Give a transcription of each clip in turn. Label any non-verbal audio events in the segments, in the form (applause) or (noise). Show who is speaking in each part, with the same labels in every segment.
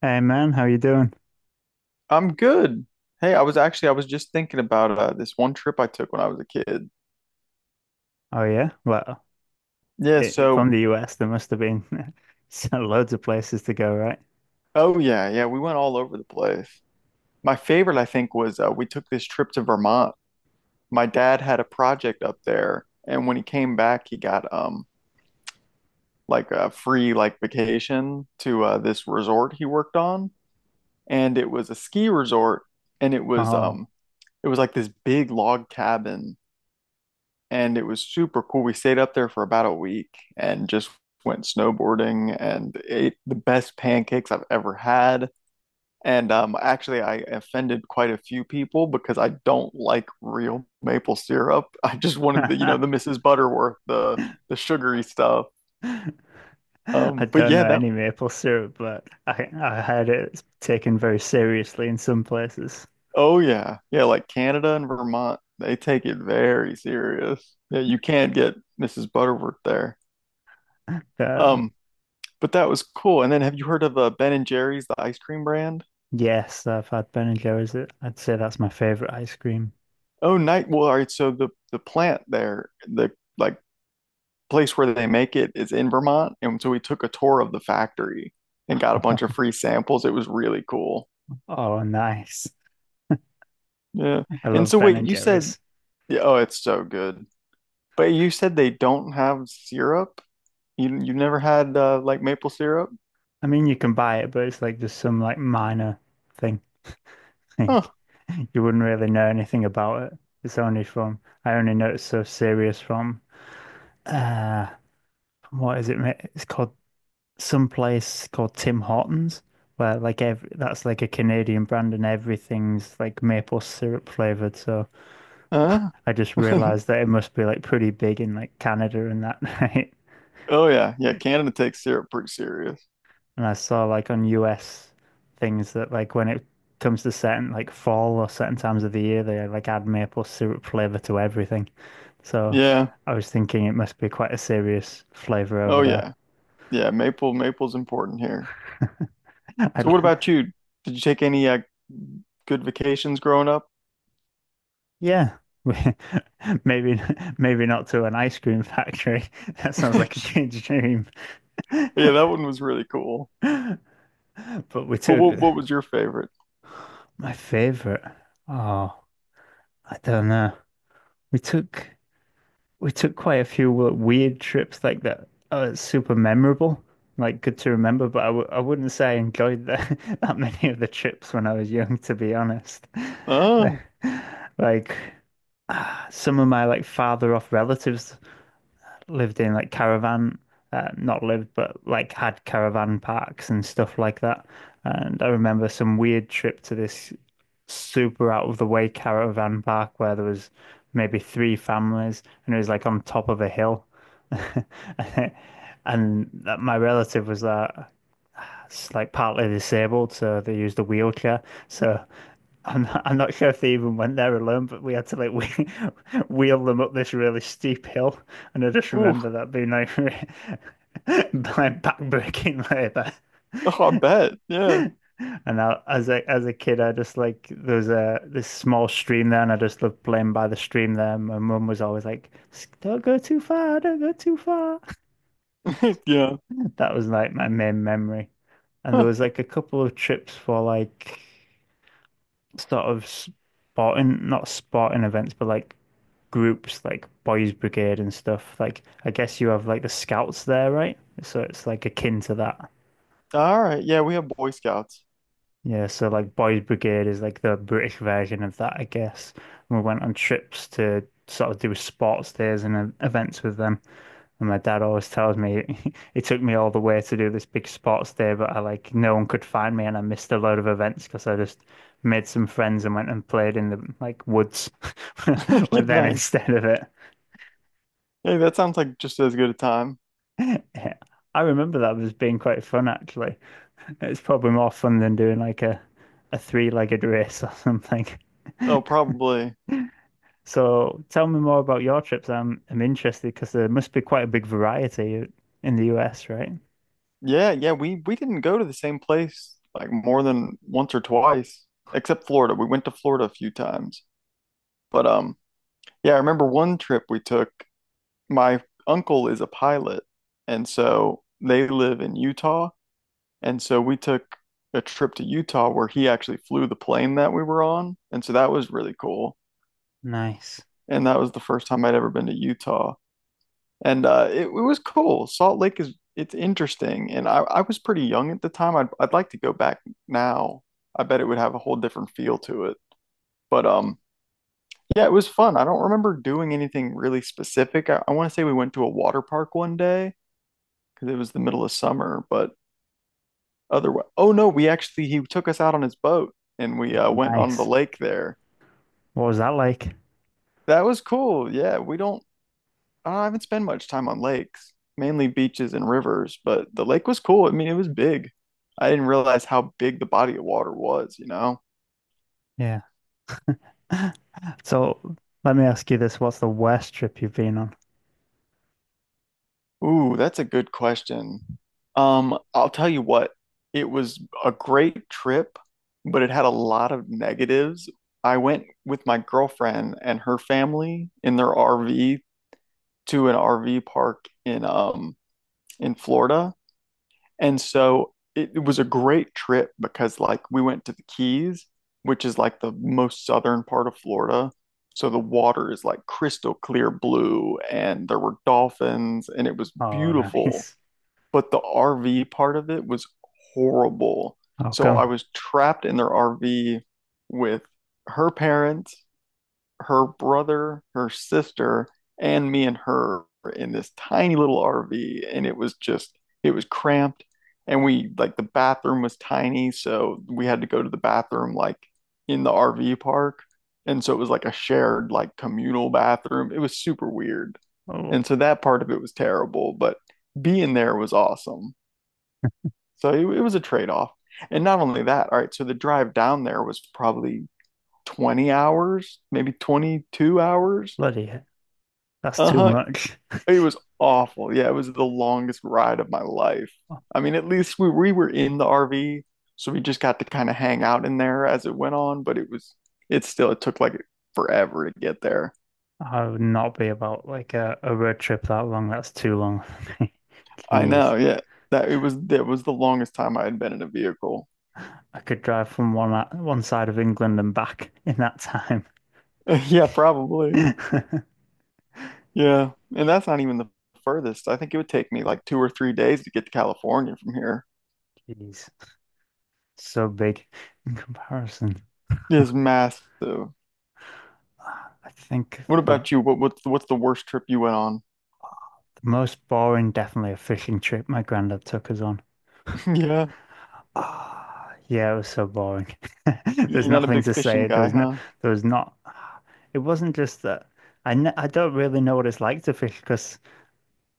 Speaker 1: Hey man, how you doing?
Speaker 2: I'm good. Hey, I was just thinking about this one trip I took when I was a kid.
Speaker 1: Oh yeah, well,
Speaker 2: Yeah,
Speaker 1: from the US, there must have been (laughs) so loads of places to go, right?
Speaker 2: oh yeah, yeah, we went all over the place. My favorite, I think, was we took this trip to Vermont. My dad had a project up there, and when he came back, he got like a free like vacation to this resort he worked on, and it was a ski resort, and it was
Speaker 1: Oh,
Speaker 2: um it was like this big log cabin, and it was super cool. We stayed up there for about a week and just went snowboarding and ate the best pancakes I've ever had. And actually, I offended quite a few people because I don't like real maple syrup. (laughs) I just wanted the
Speaker 1: (laughs)
Speaker 2: Mrs. Butterworth, the sugary stuff.
Speaker 1: I
Speaker 2: But
Speaker 1: don't
Speaker 2: yeah,
Speaker 1: know any maple syrup, but I heard it's taken very seriously in some places.
Speaker 2: oh yeah, yeah, like Canada and Vermont, they take it very serious. Yeah, you can't get Mrs. Butterworth there.
Speaker 1: Uh,
Speaker 2: Um, But that was cool. And then have you heard of Ben and Jerry's, the ice cream brand?
Speaker 1: yes, I've had Ben& and Jerry's. I'd say that's my favorite ice cream.
Speaker 2: Oh, night. Well, all right. So the plant there, the like place where they make it is in Vermont, and so we took a tour of the factory and got a bunch of
Speaker 1: (laughs)
Speaker 2: free samples. It was really cool.
Speaker 1: Oh, nice!
Speaker 2: Yeah.
Speaker 1: I
Speaker 2: And
Speaker 1: love
Speaker 2: so
Speaker 1: Ben&
Speaker 2: wait,
Speaker 1: and
Speaker 2: you said,
Speaker 1: Jerry's.
Speaker 2: yeah, oh, it's so good. But you said they don't have syrup. You never had like maple syrup?
Speaker 1: I mean, you can buy it, but it's like just some like minor thing. Like
Speaker 2: Huh.
Speaker 1: you wouldn't really know anything about it. It's only from I only know it's so serious uh from what is it? It's called some place called Tim Hortons, where like every that's like a Canadian brand and everything's like maple syrup flavored. So
Speaker 2: Huh?
Speaker 1: (laughs) I just
Speaker 2: (laughs)
Speaker 1: realized that it must be like pretty big in like Canada and that. (laughs) Right?
Speaker 2: Oh yeah, yeah. Canada takes syrup pretty serious.
Speaker 1: And I saw like on US things that like when it comes to certain like fall or certain times of the year, they like add maple syrup flavor to everything. So
Speaker 2: Yeah.
Speaker 1: I was thinking it must be quite a serious flavor over
Speaker 2: Oh
Speaker 1: there.
Speaker 2: yeah. Yeah. Maple's important here.
Speaker 1: (laughs) I'd,
Speaker 2: So what
Speaker 1: l-
Speaker 2: about you? Did you take any good vacations growing up?
Speaker 1: yeah, (laughs) maybe maybe not to an ice cream factory. (laughs) That sounds like a
Speaker 2: (laughs)
Speaker 1: kid's dream.
Speaker 2: Yeah, that one was really cool.
Speaker 1: (laughs) But we
Speaker 2: But
Speaker 1: took
Speaker 2: what was your favorite?
Speaker 1: my favorite. Oh, I don't know. We took. We took quite a few like, weird trips like that are super memorable, like good to remember. But I wouldn't say I enjoyed the, (laughs) that many of the trips when I was young, to be honest. (laughs)
Speaker 2: Oh,
Speaker 1: Like, ah, some of my like father off relatives lived in like caravan, not lived, but like had caravan parks and stuff like that. And I remember some weird trip to this super out of the way caravan park where there was maybe three families and it was like on top of a hill. (laughs) And that my relative was like partly disabled, so they used a wheelchair. So I'm not sure if they even went there alone, but we had to like wheel, (laughs) wheel them up this really steep hill, and I just
Speaker 2: ooh,
Speaker 1: remember that being like (laughs) like backbreaking labour.
Speaker 2: oh, I bet. Yeah,
Speaker 1: And I, as a kid, I just like there was a this small stream there, and I just loved playing by the stream there. My mum was always like, "Don't go too far, don't go too far." (laughs)
Speaker 2: (laughs) yeah.
Speaker 1: That was like my main memory. And there
Speaker 2: Huh.
Speaker 1: was like a couple of trips for like not sporting events, but like groups like Boys Brigade and stuff. Like I guess you have like the scouts there, right? So it's like akin to that.
Speaker 2: All right. Yeah, we have Boy Scouts.
Speaker 1: Yeah, so like Boys Brigade is like the British version of that, I guess. And we went on trips to sort of do sports days and events with them. And my dad always tells me (laughs) it took me all the way to do this big sports day, but I like no one could find me and I missed a load of events because I just made some friends and went and played in the like woods (laughs)
Speaker 2: (laughs)
Speaker 1: with
Speaker 2: Good,
Speaker 1: them
Speaker 2: nice.
Speaker 1: instead of it.
Speaker 2: Hey, that sounds like just as good a time.
Speaker 1: (laughs) I remember that was being quite fun, actually. It's probably more fun than doing like a three-legged race or something. (laughs)
Speaker 2: Oh, probably.
Speaker 1: So tell me more about your trips. I'm interested because there must be quite a big variety in the US, right?
Speaker 2: Yeah, yeah. We didn't go to the same place like more than once or twice, except Florida. We went to Florida a few times. But yeah, I remember one trip we took. My uncle is a pilot, and so they live in Utah. And so we took a trip to Utah where he actually flew the plane that we were on. And so that was really cool.
Speaker 1: Nice.
Speaker 2: And that was the first time I'd ever been to Utah. And it was cool. Salt Lake is it's interesting. And I was pretty young at the time. I'd like to go back now. I bet it would have a whole different feel to it. But yeah, it was fun. I don't remember doing anything really specific. I want to say we went to a water park one day because it was the middle of summer. But otherwise, oh no, we actually he took us out on his boat, and we went on the
Speaker 1: Nice.
Speaker 2: lake there.
Speaker 1: What was that like?
Speaker 2: That was cool. Yeah, we don't. I haven't spent much time on lakes, mainly beaches and rivers. But the lake was cool. I mean, it was big. I didn't realize how big the body of water was, you know?
Speaker 1: Yeah. (laughs) So let me ask you this. What's the worst trip you've been on?
Speaker 2: Ooh, that's a good question. I'll tell you what, it was a great trip, but it had a lot of negatives. I went with my girlfriend and her family in their RV to an RV park in Florida. And so it was a great trip because like we went to the Keys, which is like the most southern part of Florida. So the water is like crystal clear blue, and there were dolphins, and it was
Speaker 1: Oh, (laughs)
Speaker 2: beautiful.
Speaker 1: nice.
Speaker 2: But the RV part of it was horrible.
Speaker 1: How
Speaker 2: So I
Speaker 1: come?
Speaker 2: was trapped in their RV with her parents, her brother, her sister, and me and her in this tiny little RV. And it was just, it was cramped. And we, like, the bathroom was tiny. So we had to go to the bathroom, like, in the RV park. And so it was like a shared, like, communal bathroom. It was super weird.
Speaker 1: Oh,
Speaker 2: And so that part of it was terrible, but being there was awesome. So it was a trade-off. And not only that, all right, so the drive down there was probably 20 hours, maybe 22 hours.
Speaker 1: bloody heck. That's too
Speaker 2: Uh-huh.
Speaker 1: much.
Speaker 2: It was awful. Yeah, it was the longest ride of my life. I mean, at least we were in the RV, so we just got to kind of hang out in there as it went on, but it was it still it took like forever to get there.
Speaker 1: I would not be about like a road trip that long. That's too long for me. (laughs)
Speaker 2: I
Speaker 1: Jeez.
Speaker 2: know, yeah. That was the longest time I had been in a vehicle. (laughs)
Speaker 1: I could drive from one side of England and back (laughs) in that time.
Speaker 2: Yeah, probably.
Speaker 1: (laughs)
Speaker 2: Yeah. And that's not even the furthest. I think it would take me like two or three days to get to California from here.
Speaker 1: Jeez. So big in comparison.
Speaker 2: It's massive.
Speaker 1: Ah, I think
Speaker 2: What
Speaker 1: the
Speaker 2: about you? What's the worst trip you went on?
Speaker 1: most boring, definitely a fishing trip my granddad took us on.
Speaker 2: (laughs)
Speaker 1: Ah, yeah, it was so boring. (laughs)
Speaker 2: Yeah.
Speaker 1: There's
Speaker 2: You're not a
Speaker 1: nothing
Speaker 2: big
Speaker 1: to say.
Speaker 2: fishing guy, huh?
Speaker 1: There was not. It wasn't just that. I don't really know what it's like to fish because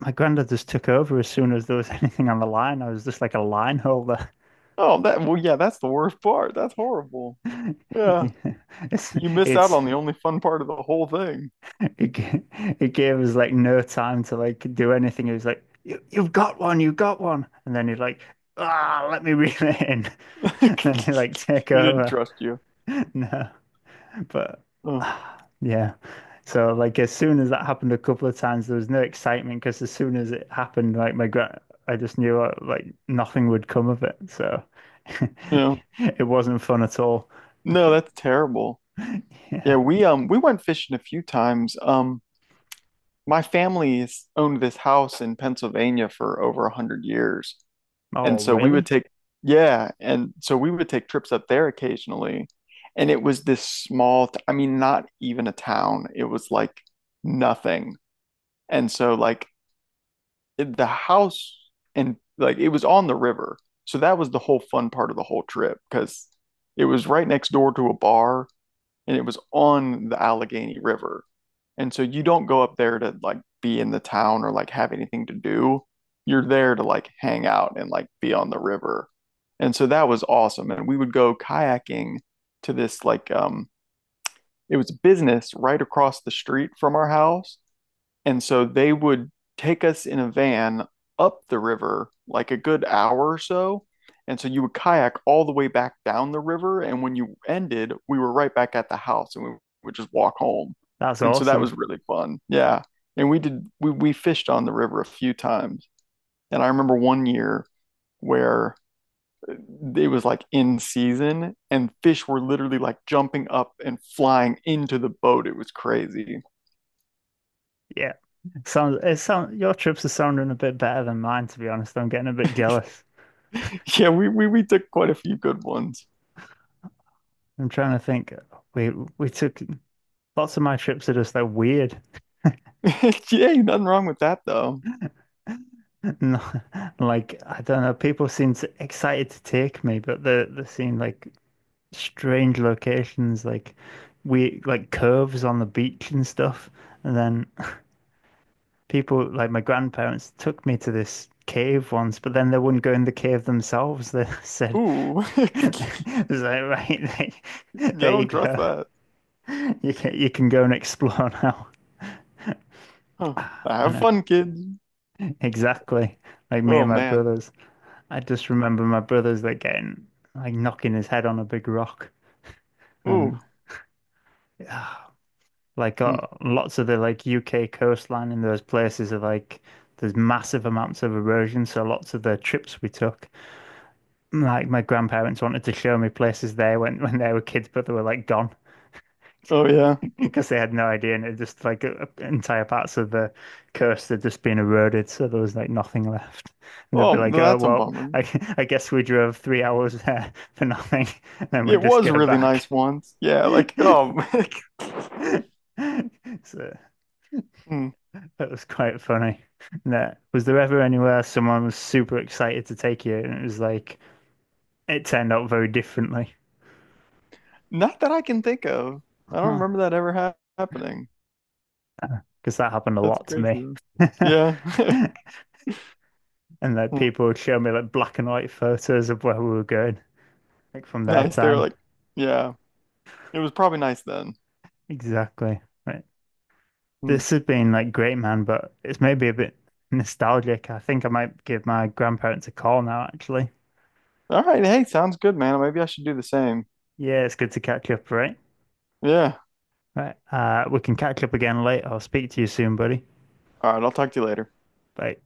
Speaker 1: my granddad just took over as soon as there was (laughs) anything on the line. I was just like a line holder.
Speaker 2: Oh, that well, yeah, that's the worst part. That's horrible.
Speaker 1: (laughs)
Speaker 2: Yeah.
Speaker 1: Yeah. It's
Speaker 2: You missed out
Speaker 1: it's
Speaker 2: on the only fun part of the whole thing.
Speaker 1: it, it gave us like no time to like do anything. He was like, you've got one," and then he'd like, "Ah, let me (laughs) reel it in," (laughs) and then he'd
Speaker 2: (laughs)
Speaker 1: like take
Speaker 2: He didn't
Speaker 1: over.
Speaker 2: trust you.
Speaker 1: (laughs) No. But (sighs)
Speaker 2: Oh,
Speaker 1: ah, yeah, so like as soon as that happened a couple of times, there was no excitement because as soon as it happened, I just knew like nothing would come of it. So (laughs)
Speaker 2: yeah.
Speaker 1: it wasn't fun at all.
Speaker 2: No, that's terrible.
Speaker 1: (laughs)
Speaker 2: Yeah,
Speaker 1: Yeah.
Speaker 2: we went fishing a few times. My family's owned this house in Pennsylvania for over a hundred years. And
Speaker 1: Oh,
Speaker 2: so we would
Speaker 1: really?
Speaker 2: take, yeah. And so we would take trips up there occasionally. And it was this small, I mean, not even a town. It was like nothing. And so, like, the house, and like it was on the river. So that was the whole fun part of the whole trip because it was right next door to a bar, and it was on the Allegheny River. And so you don't go up there to like be in the town or like have anything to do. You're there to like hang out and like be on the river. And so that was awesome. And we would go kayaking to this it was a business right across the street from our house, and so they would take us in a van up the river like a good hour or so. And so you would kayak all the way back down the river. And when you ended, we were right back at the house, and we would just walk home.
Speaker 1: That's
Speaker 2: And so that
Speaker 1: awesome.
Speaker 2: was really fun. Yeah. And we fished on the river a few times. And I remember one year where it was like in season, and fish were literally like jumping up and flying into the boat. It was crazy.
Speaker 1: Yeah. Sounds it sound your trips are sounding a bit better than mine, to be honest. I'm getting a bit jealous.
Speaker 2: (laughs) Yeah, we took quite a few good ones.
Speaker 1: I'm trying to think. We we took lots of my trips are just like weird.
Speaker 2: (laughs) Yeah, nothing wrong with that though.
Speaker 1: No, (laughs) like I don't know. Excited to take me, but they seem like strange locations, like we like curves on the beach and stuff. And then (laughs) people like my grandparents took me to this cave once, but then they wouldn't go in the cave themselves. They (laughs) said,
Speaker 2: Ooh, (laughs) I
Speaker 1: (laughs) "It was like, right, (laughs) there you
Speaker 2: don't trust
Speaker 1: go.
Speaker 2: that.
Speaker 1: You can go and explore (laughs) now." (sighs)
Speaker 2: Huh.
Speaker 1: I
Speaker 2: Have
Speaker 1: know
Speaker 2: fun, kids.
Speaker 1: exactly. Like me
Speaker 2: Oh
Speaker 1: and my
Speaker 2: man.
Speaker 1: brothers. I just remember my brother's like getting like knocking his head on a big rock
Speaker 2: Ooh.
Speaker 1: and ah, like uh,
Speaker 2: Hmm.
Speaker 1: lots of the like UK coastline in those places are like there's massive amounts of erosion. So lots of the trips we took, like my grandparents wanted to show me places they went (laughs) when they were kids, but they were like gone,
Speaker 2: Oh yeah.
Speaker 1: because they had no idea, and it just like entire parts of the coast had just been eroded, so there was like nothing left. And they'd
Speaker 2: Oh,
Speaker 1: be like,
Speaker 2: well, that's a bummer.
Speaker 1: (laughs) "I guess we drove 3 hours there (laughs) for nothing, and then we'd
Speaker 2: It
Speaker 1: just
Speaker 2: was
Speaker 1: go
Speaker 2: really nice
Speaker 1: back."
Speaker 2: once. Yeah, like
Speaker 1: (laughs)
Speaker 2: oh, (laughs)
Speaker 1: So
Speaker 2: hmm.
Speaker 1: that was quite funny. And That was there ever anywhere someone was super excited to take you, and it was like it turned out very differently.
Speaker 2: Not that I can think of. I don't
Speaker 1: Because
Speaker 2: remember that ever happening.
Speaker 1: that happened a
Speaker 2: That's
Speaker 1: lot to
Speaker 2: crazy,
Speaker 1: me.
Speaker 2: though. Yeah. (laughs)
Speaker 1: (laughs) And like
Speaker 2: Hmm.
Speaker 1: people would show me like black and white photos of where we were going. Like from their
Speaker 2: Nice. They were
Speaker 1: time.
Speaker 2: like, yeah, it was probably nice then.
Speaker 1: Exactly. Right.
Speaker 2: Hmm.
Speaker 1: This has been like great, man, but it's maybe a bit nostalgic. I think I might give my grandparents a call now, actually.
Speaker 2: All right. Hey, sounds good, man. Maybe I should do the same.
Speaker 1: Yeah, it's good to catch up, right?
Speaker 2: Yeah.
Speaker 1: Right. We can catch up again later. I'll speak to you soon, buddy.
Speaker 2: All right. I'll talk to you later.
Speaker 1: Bye.